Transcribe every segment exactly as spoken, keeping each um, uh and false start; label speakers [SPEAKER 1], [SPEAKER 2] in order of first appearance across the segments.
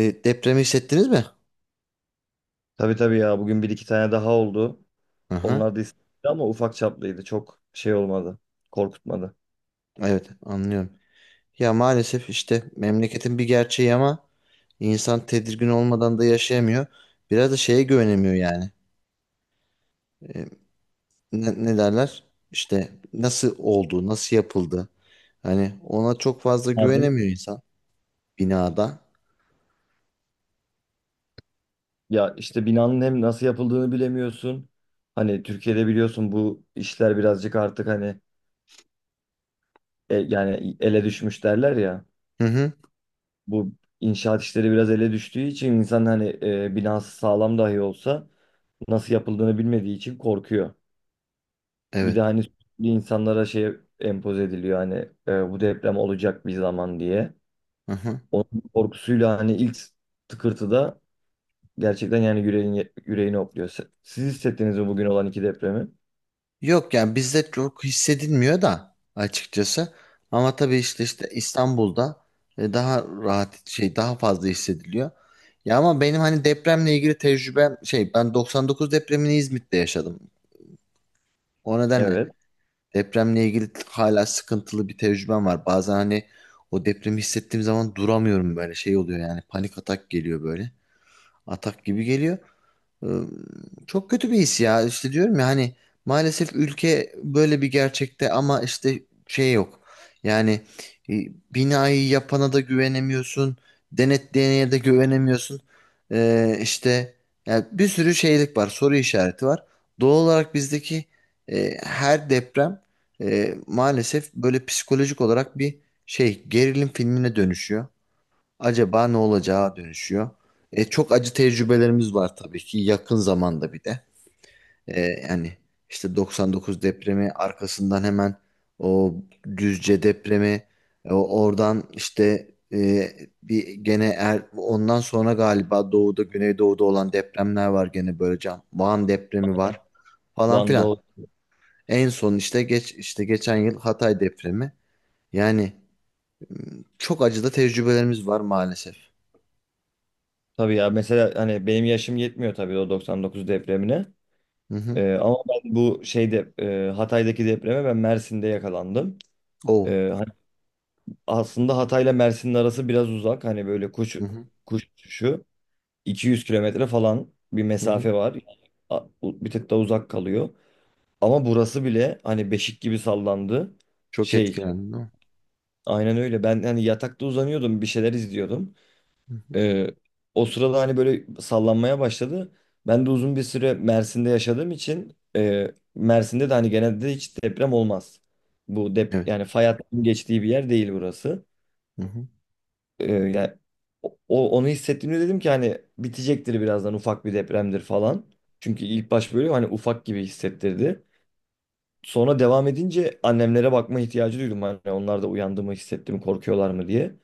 [SPEAKER 1] E, depremi hissettiniz mi?
[SPEAKER 2] Tabii tabii ya, bugün bir iki tane daha oldu.
[SPEAKER 1] Aha,
[SPEAKER 2] Onlar da İstanbul'da ama ufak çaplıydı. Çok şey olmadı. Korkutmadı.
[SPEAKER 1] evet anlıyorum. Ya maalesef işte memleketin bir gerçeği ama insan tedirgin olmadan da yaşayamıyor. Biraz da şeye güvenemiyor yani. E, ne, ne derler? İşte nasıl oldu, nasıl yapıldı? Hani ona çok fazla
[SPEAKER 2] Nerede?
[SPEAKER 1] güvenemiyor insan binada.
[SPEAKER 2] Ya işte binanın hem nasıl yapıldığını bilemiyorsun. Hani Türkiye'de biliyorsun bu işler birazcık artık hani e, yani ele düşmüş derler ya.
[SPEAKER 1] Hı hı,
[SPEAKER 2] Bu inşaat işleri biraz ele düştüğü için insan hani e, binası sağlam dahi olsa nasıl yapıldığını bilmediği için korkuyor. Bir de
[SPEAKER 1] evet.
[SPEAKER 2] hani sürekli insanlara şey empoze ediliyor, hani e, bu deprem olacak bir zaman diye.
[SPEAKER 1] Aha.
[SPEAKER 2] Onun korkusuyla hani ilk tıkırtıda gerçekten yani yüreğini, yüreğini hopluyor. Se- Siz hissettiniz mi bugün olan iki depremi?
[SPEAKER 1] Yok yani bizde çok hissedilmiyor da açıkçası. Ama tabii işte işte İstanbul'da e, daha rahat şey daha fazla hissediliyor. Ya ama benim hani depremle ilgili tecrübem şey ben doksan dokuz depremini İzmit'te yaşadım. O nedenle
[SPEAKER 2] Evet.
[SPEAKER 1] depremle ilgili hala sıkıntılı bir tecrübem var. Bazen hani o depremi hissettiğim zaman duramıyorum böyle şey oluyor yani panik atak geliyor böyle. Atak gibi geliyor. Iı, Çok kötü bir his ya. İşte diyorum ya hani maalesef ülke böyle bir gerçekte ama işte şey yok. Yani e, binayı yapana da güvenemiyorsun. Denetleyene de güvenemiyorsun. Ee, işte yani bir sürü şeylik var. Soru işareti var. Doğal olarak bizdeki e, her deprem e, maalesef böyle psikolojik olarak bir şey gerilim filmine dönüşüyor acaba ne olacağı dönüşüyor. E, çok acı tecrübelerimiz var tabii ki yakın zamanda bir de. E, yani işte doksan dokuz depremi arkasından hemen o Düzce depremi e, oradan işte e, bir gene er, ondan sonra galiba doğuda güneydoğuda olan depremler var gene böyle can. Van depremi var falan
[SPEAKER 2] Van'da
[SPEAKER 1] filan.
[SPEAKER 2] o-
[SPEAKER 1] En son işte geç işte geçen yıl Hatay depremi. Yani çok acı da tecrübelerimiz var maalesef.
[SPEAKER 2] tabii ya, mesela hani benim yaşım yetmiyor tabii o doksan dokuz depremine.
[SPEAKER 1] Hı hı.
[SPEAKER 2] Ee, ama ben bu şeyde e, Hatay'daki depreme ben Mersin'de yakalandım.
[SPEAKER 1] Oo.
[SPEAKER 2] Ee, hani aslında Hatay'la Mersin'in arası biraz uzak. Hani böyle kuş
[SPEAKER 1] Hı hı.
[SPEAKER 2] kuş uçuşu iki yüz kilometre falan bir
[SPEAKER 1] Hı hı.
[SPEAKER 2] mesafe var. Yani A- bir tık da uzak kalıyor. Ama burası bile hani beşik gibi sallandı.
[SPEAKER 1] Çok
[SPEAKER 2] Şey,
[SPEAKER 1] etkilendin değil mi?
[SPEAKER 2] aynen öyle. Ben hani yatakta uzanıyordum, bir şeyler izliyordum.
[SPEAKER 1] Hı hı.
[SPEAKER 2] Ee, O sırada hani böyle sallanmaya başladı. Ben de uzun bir süre Mersin'de yaşadığım için e, Mersin'de de hani genelde hiç deprem olmaz. Bu dep
[SPEAKER 1] Evet.
[SPEAKER 2] Yani fay hattının geçtiği bir yer değil burası.
[SPEAKER 1] Hı hı.
[SPEAKER 2] Ee, yani o, o- onu hissettiğimde dedim ki hani bitecektir birazdan, ufak bir depremdir falan. Çünkü ilk baş böyle hani ufak gibi hissettirdi. Sonra devam edince annemlere bakma ihtiyacı duydum. Hani onlar da uyandı mı, hissetti mi, korkuyorlar mı diye.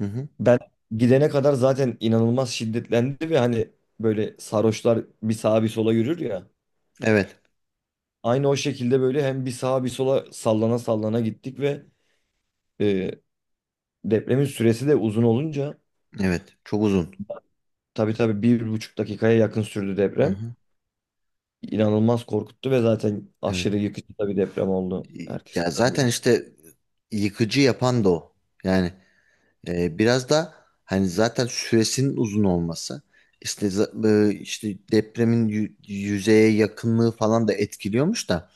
[SPEAKER 1] Hı hı.
[SPEAKER 2] Ben gidene kadar zaten inanılmaz şiddetlendi ve hani böyle sarhoşlar bir sağa bir sola yürür ya.
[SPEAKER 1] Evet.
[SPEAKER 2] Aynı o şekilde böyle hem bir sağa bir sola sallana sallana gittik ve e, depremin süresi de uzun olunca
[SPEAKER 1] Evet. Çok uzun.
[SPEAKER 2] tabii tabii bir buçuk dakikaya yakın sürdü
[SPEAKER 1] Hı
[SPEAKER 2] deprem.
[SPEAKER 1] hı.
[SPEAKER 2] İnanılmaz korkuttu ve zaten
[SPEAKER 1] Evet.
[SPEAKER 2] aşırı yıkıcı da bir deprem oldu. Herkes
[SPEAKER 1] Ya
[SPEAKER 2] öldü.
[SPEAKER 1] zaten işte yıkıcı yapan da o. Yani e, biraz da hani zaten süresinin uzun olması işte za- e, işte depremin yü- yüzeye yakınlığı falan da etkiliyormuş da.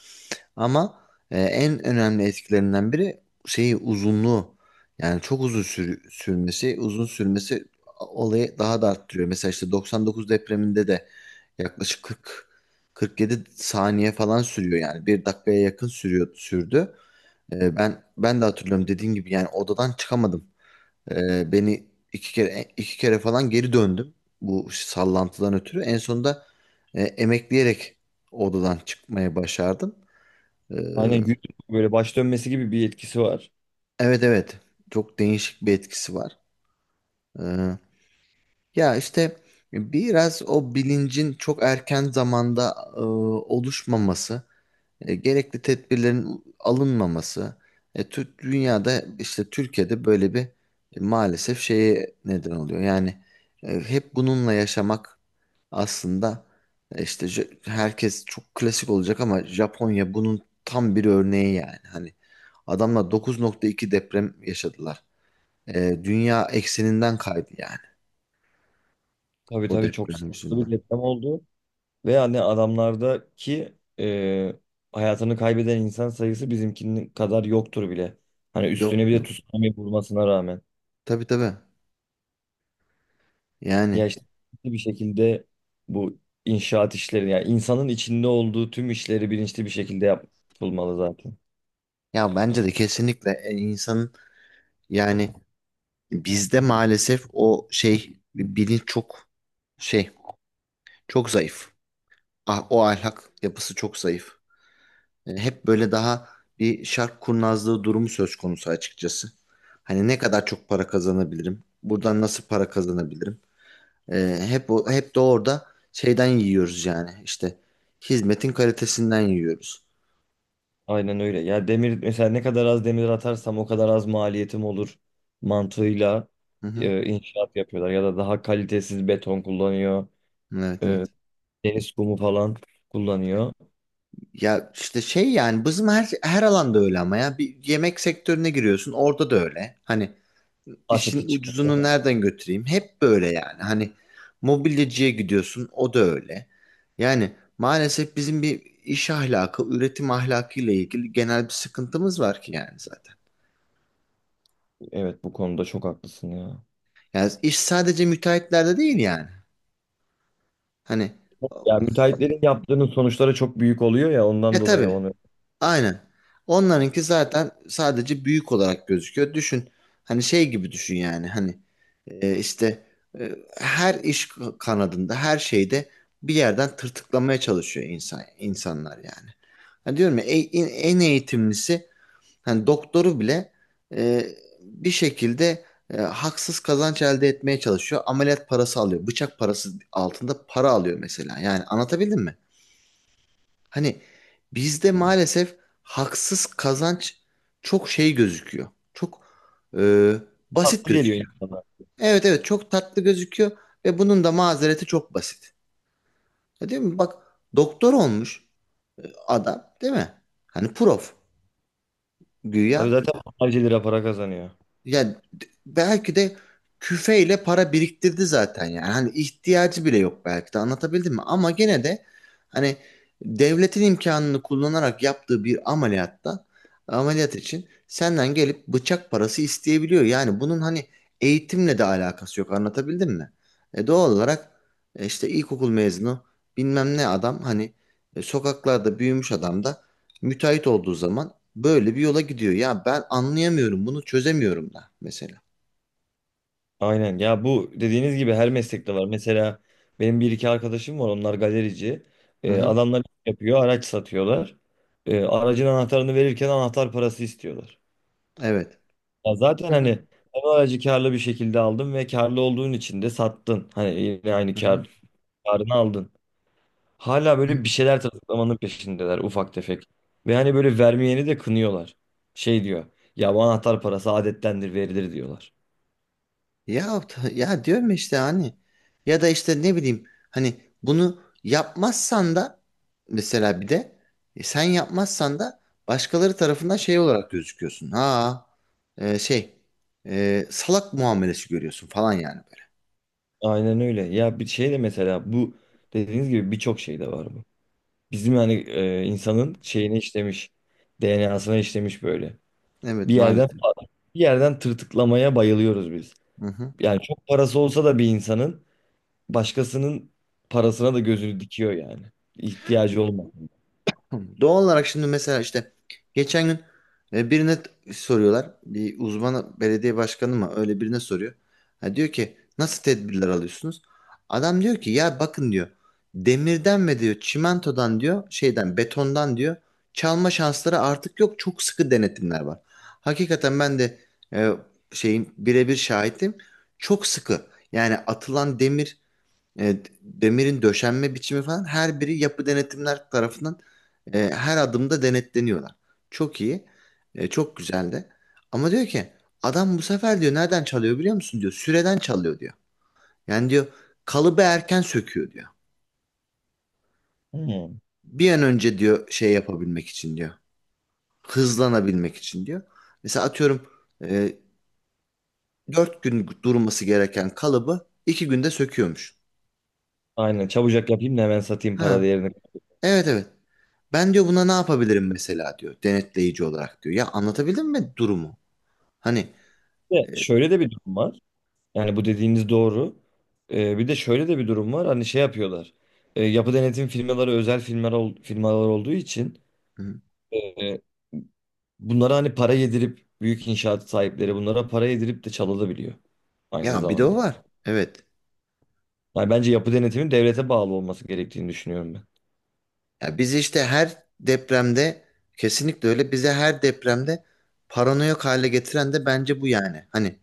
[SPEAKER 1] Ama e, en önemli etkilerinden biri şeyi uzunluğu. Yani çok uzun sür- sürmesi, uzun sürmesi olayı daha da arttırıyor. Mesela işte doksan dokuz depreminde de yaklaşık kırk kırk yedi saniye falan sürüyor yani. Bir dakikaya yakın sürüyor sürdü. E, ben ben de hatırlıyorum dediğin gibi yani odadan çıkamadım. E, beni iki kere iki kere falan geri döndüm bu sallantıdan ötürü. En sonunda e, emekleyerek odadan çıkmaya başardım. E,
[SPEAKER 2] Aynen, yüz böyle baş dönmesi gibi bir etkisi var.
[SPEAKER 1] Evet evet. Çok değişik bir etkisi var. Ee, ya işte biraz o bilincin çok erken zamanda e, oluşmaması, e, gerekli tedbirlerin alınmaması, e, Tür- dünyada işte Türkiye'de böyle bir e, maalesef şeye neden oluyor. Yani e, hep bununla yaşamak aslında e, işte J- herkes çok klasik olacak ama Japonya bunun tam bir örneği yani. Hani adamlar dokuz nokta iki deprem yaşadılar. Ee, dünya ekseninden kaydı yani
[SPEAKER 2] Tabii
[SPEAKER 1] o
[SPEAKER 2] tabii, çok
[SPEAKER 1] deprem
[SPEAKER 2] sıkıntılı bir
[SPEAKER 1] yüzünden.
[SPEAKER 2] deprem oldu. Ve hani adamlardaki e, hayatını kaybeden insan sayısı bizimkinin kadar yoktur bile. Hani
[SPEAKER 1] Yok
[SPEAKER 2] üstüne bir de
[SPEAKER 1] yok.
[SPEAKER 2] tsunami vurmasına rağmen.
[SPEAKER 1] Tabii tabii.
[SPEAKER 2] Ya
[SPEAKER 1] Yani
[SPEAKER 2] işte bir şekilde bu inşaat işleri, yani insanın içinde olduğu tüm işleri bilinçli bir şekilde yapılmalı zaten.
[SPEAKER 1] ya bence de kesinlikle e, insanın yani bizde maalesef o şey bilinç çok şey çok zayıf. Ah, o ahlak yapısı çok zayıf. E, hep böyle daha bir şark kurnazlığı durumu söz konusu açıkçası. Hani ne kadar çok para kazanabilirim? Buradan nasıl para kazanabilirim? Ee, hep o- hep de orada şeyden yiyoruz yani işte hizmetin kalitesinden yiyoruz.
[SPEAKER 2] Aynen öyle. Ya demir mesela, ne kadar az demir atarsam o kadar az maliyetim olur mantığıyla
[SPEAKER 1] Hı hı.
[SPEAKER 2] e, inşaat yapıyorlar ya da daha kalitesiz beton kullanıyor.
[SPEAKER 1] Evet evet.
[SPEAKER 2] Deniz kumu falan kullanıyor.
[SPEAKER 1] Ya işte şey yani bizim her her alanda öyle ama ya bir yemek sektörüne giriyorsun orada da öyle. Hani
[SPEAKER 2] Ateti
[SPEAKER 1] işin
[SPEAKER 2] çıkıyor,
[SPEAKER 1] ucuzunu
[SPEAKER 2] ama
[SPEAKER 1] nereden götüreyim? Hep böyle yani. Hani mobilyacıya gidiyorsun o da öyle. Yani maalesef bizim bir iş ahlakı, üretim ahlakı ile ilgili genel bir sıkıntımız var ki yani zaten.
[SPEAKER 2] evet, bu konuda çok haklısın ya.
[SPEAKER 1] Yani iş sadece müteahhitlerde değil yani. Hani.
[SPEAKER 2] Ya müteahhitlerin yaptığının sonuçları çok büyük oluyor ya,
[SPEAKER 1] E
[SPEAKER 2] ondan dolayı
[SPEAKER 1] tabii.
[SPEAKER 2] onu
[SPEAKER 1] Aynen. Onlarınki zaten sadece büyük olarak gözüküyor. Düşün. Hani şey gibi düşün yani. Hani e, işte e, her iş kanadında, her şeyde bir yerden tırtıklamaya çalışıyor insan insanlar yani. Hani diyorum ya e- en, en eğitimlisi hani doktoru bile e, bir şekilde e, haksız kazanç elde etmeye çalışıyor. Ameliyat parası alıyor. Bıçak parası altında para alıyor mesela. Yani anlatabildim mi? Hani bizde maalesef haksız kazanç çok şey gözüküyor. Çok e, basit
[SPEAKER 2] haklı geliyor
[SPEAKER 1] gözüküyor.
[SPEAKER 2] insana.
[SPEAKER 1] Evet evet çok tatlı gözüküyor ve bunun da mazereti çok basit. Ya, değil mi? Bak doktor olmuş adam değil mi? Hani prof
[SPEAKER 2] Tabii
[SPEAKER 1] güya.
[SPEAKER 2] zaten onlarca lira para kazanıyor.
[SPEAKER 1] Yani d- belki de küfeyle para biriktirdi zaten yani. Hani ihtiyacı bile yok belki de anlatabildim mi? Ama gene de hani devletin imkanını kullanarak yaptığı bir ameliyatta ameliyat için senden gelip bıçak parası isteyebiliyor. Yani bunun hani eğitimle de alakası yok anlatabildim mi? E doğal olarak e, işte ilkokul mezunu bilmem ne adam hani e, sokaklarda büyümüş adam da müteahhit olduğu zaman böyle bir yola gidiyor. Ya ben anlayamıyorum bunu çözemiyorum da mesela.
[SPEAKER 2] Aynen ya, bu dediğiniz gibi her meslekte var. Mesela benim bir iki arkadaşım var, onlar galerici.
[SPEAKER 1] Hı
[SPEAKER 2] Ee,
[SPEAKER 1] hı.
[SPEAKER 2] adamlar iş yapıyor, araç satıyorlar. Ee, aracın anahtarını verirken anahtar parası istiyorlar.
[SPEAKER 1] Evet.
[SPEAKER 2] Ya zaten
[SPEAKER 1] Hı
[SPEAKER 2] hani
[SPEAKER 1] hı.
[SPEAKER 2] hem aracı karlı bir şekilde aldın ve karlı olduğun için de sattın. Hani yine aynı
[SPEAKER 1] Hı hı.
[SPEAKER 2] kar, karını aldın. Hala böyle
[SPEAKER 1] Evet.
[SPEAKER 2] bir şeyler tırtıklamanın peşindeler, ufak tefek. Ve hani böyle vermeyeni de kınıyorlar. Şey diyor. Ya bu anahtar parası adettendir, verilir diyorlar.
[SPEAKER 1] Ya t- ya diyorum ya işte hani ya da işte ne bileyim hani bunu yapmazsan da mesela bir de e, sen yapmazsan da başkaları tarafından şey olarak gözüküyorsun. Ha, e, şey, e, salak muamelesi görüyorsun falan yani böyle.
[SPEAKER 2] Aynen öyle. Ya bir şey de mesela, bu dediğiniz gibi birçok şey de var bu. Bizim yani e, insanın şeyine işlemiş. D N A'sına işlemiş böyle.
[SPEAKER 1] Evet
[SPEAKER 2] Bir yerden
[SPEAKER 1] maalesef.
[SPEAKER 2] Bir yerden tırtıklamaya bayılıyoruz biz.
[SPEAKER 1] Hı hı.
[SPEAKER 2] Yani çok parası olsa da bir insanın başkasının parasına da gözünü dikiyor yani. İhtiyacı olmaz.
[SPEAKER 1] Tamam. Doğal olarak şimdi mesela işte geçen gün e, birine t- soruyorlar. Bir uzman belediye başkanı mı öyle birine soruyor. Ha, diyor ki nasıl tedbirler alıyorsunuz? Adam diyor ki ya bakın diyor demirden ve diyor çimentodan diyor şeyden betondan diyor çalma şansları artık yok. Çok sıkı denetimler var. Hakikaten ben de e, şeyin birebir şahidim. Çok sıkı. Yani atılan demir e, demirin döşenme biçimi falan her biri yapı denetimler tarafından e, her adımda denetleniyorlar. Çok iyi. E, çok güzel de. Ama diyor ki adam bu sefer diyor nereden çalıyor biliyor musun diyor. Süreden çalıyor diyor. Yani diyor kalıbı erken söküyor diyor.
[SPEAKER 2] Hmm.
[SPEAKER 1] Bir an önce diyor şey yapabilmek için diyor. Hızlanabilmek için diyor. Mesela atıyorum e, dört gün durması gereken kalıbı iki günde söküyormuş.
[SPEAKER 2] Aynen, çabucak yapayım da hemen satayım para
[SPEAKER 1] Ha,
[SPEAKER 2] değerini.
[SPEAKER 1] evet evet. Ben diyor buna ne yapabilirim mesela diyor denetleyici olarak diyor. Ya anlatabildim mi durumu? Hani
[SPEAKER 2] Ve şöyle de bir durum var. Yani bu dediğiniz doğru. Ee, bir de şöyle de bir durum var. Hani şey yapıyorlar. Ee, yapı denetim firmaları özel firmalar, ol- firmalar olduğu için
[SPEAKER 1] hı,
[SPEAKER 2] e, bunlara hani para yedirip, büyük inşaat sahipleri bunlara para yedirip de çalabiliyor aynı
[SPEAKER 1] ya bir de o
[SPEAKER 2] zamanda.
[SPEAKER 1] var. Evet.
[SPEAKER 2] Yani bence yapı denetimin devlete bağlı olması gerektiğini düşünüyorum ben.
[SPEAKER 1] Ya biz işte her depremde kesinlikle öyle bize her depremde paranoyak hale getiren de bence bu yani. Hani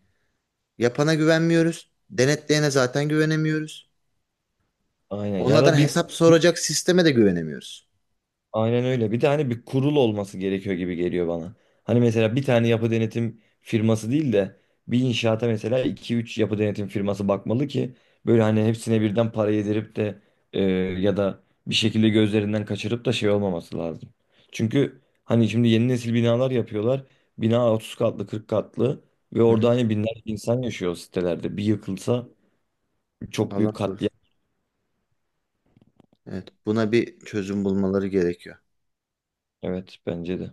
[SPEAKER 1] yapana güvenmiyoruz. Denetleyene zaten güvenemiyoruz.
[SPEAKER 2] Aynen ya
[SPEAKER 1] Onlardan
[SPEAKER 2] da bir
[SPEAKER 1] hesap soracak sisteme de güvenemiyoruz.
[SPEAKER 2] aynen öyle. Bir de hani bir kurul olması gerekiyor gibi geliyor bana. Hani mesela bir tane yapı denetim firması değil de bir inşaata mesela iki üç yapı denetim firması bakmalı ki böyle hani hepsine birden para yedirip de e, ya da bir şekilde gözlerinden kaçırıp da şey olmaması lazım. Çünkü hani şimdi yeni nesil binalar yapıyorlar. Bina otuz katlı, kırk katlı ve
[SPEAKER 1] Hı
[SPEAKER 2] orada
[SPEAKER 1] hı.
[SPEAKER 2] hani binlerce insan yaşıyor o sitelerde. Bir yıkılsa çok büyük
[SPEAKER 1] Allah
[SPEAKER 2] katliam.
[SPEAKER 1] korusun. Evet, buna bir çözüm bulmaları gerekiyor.
[SPEAKER 2] Evet, bence de.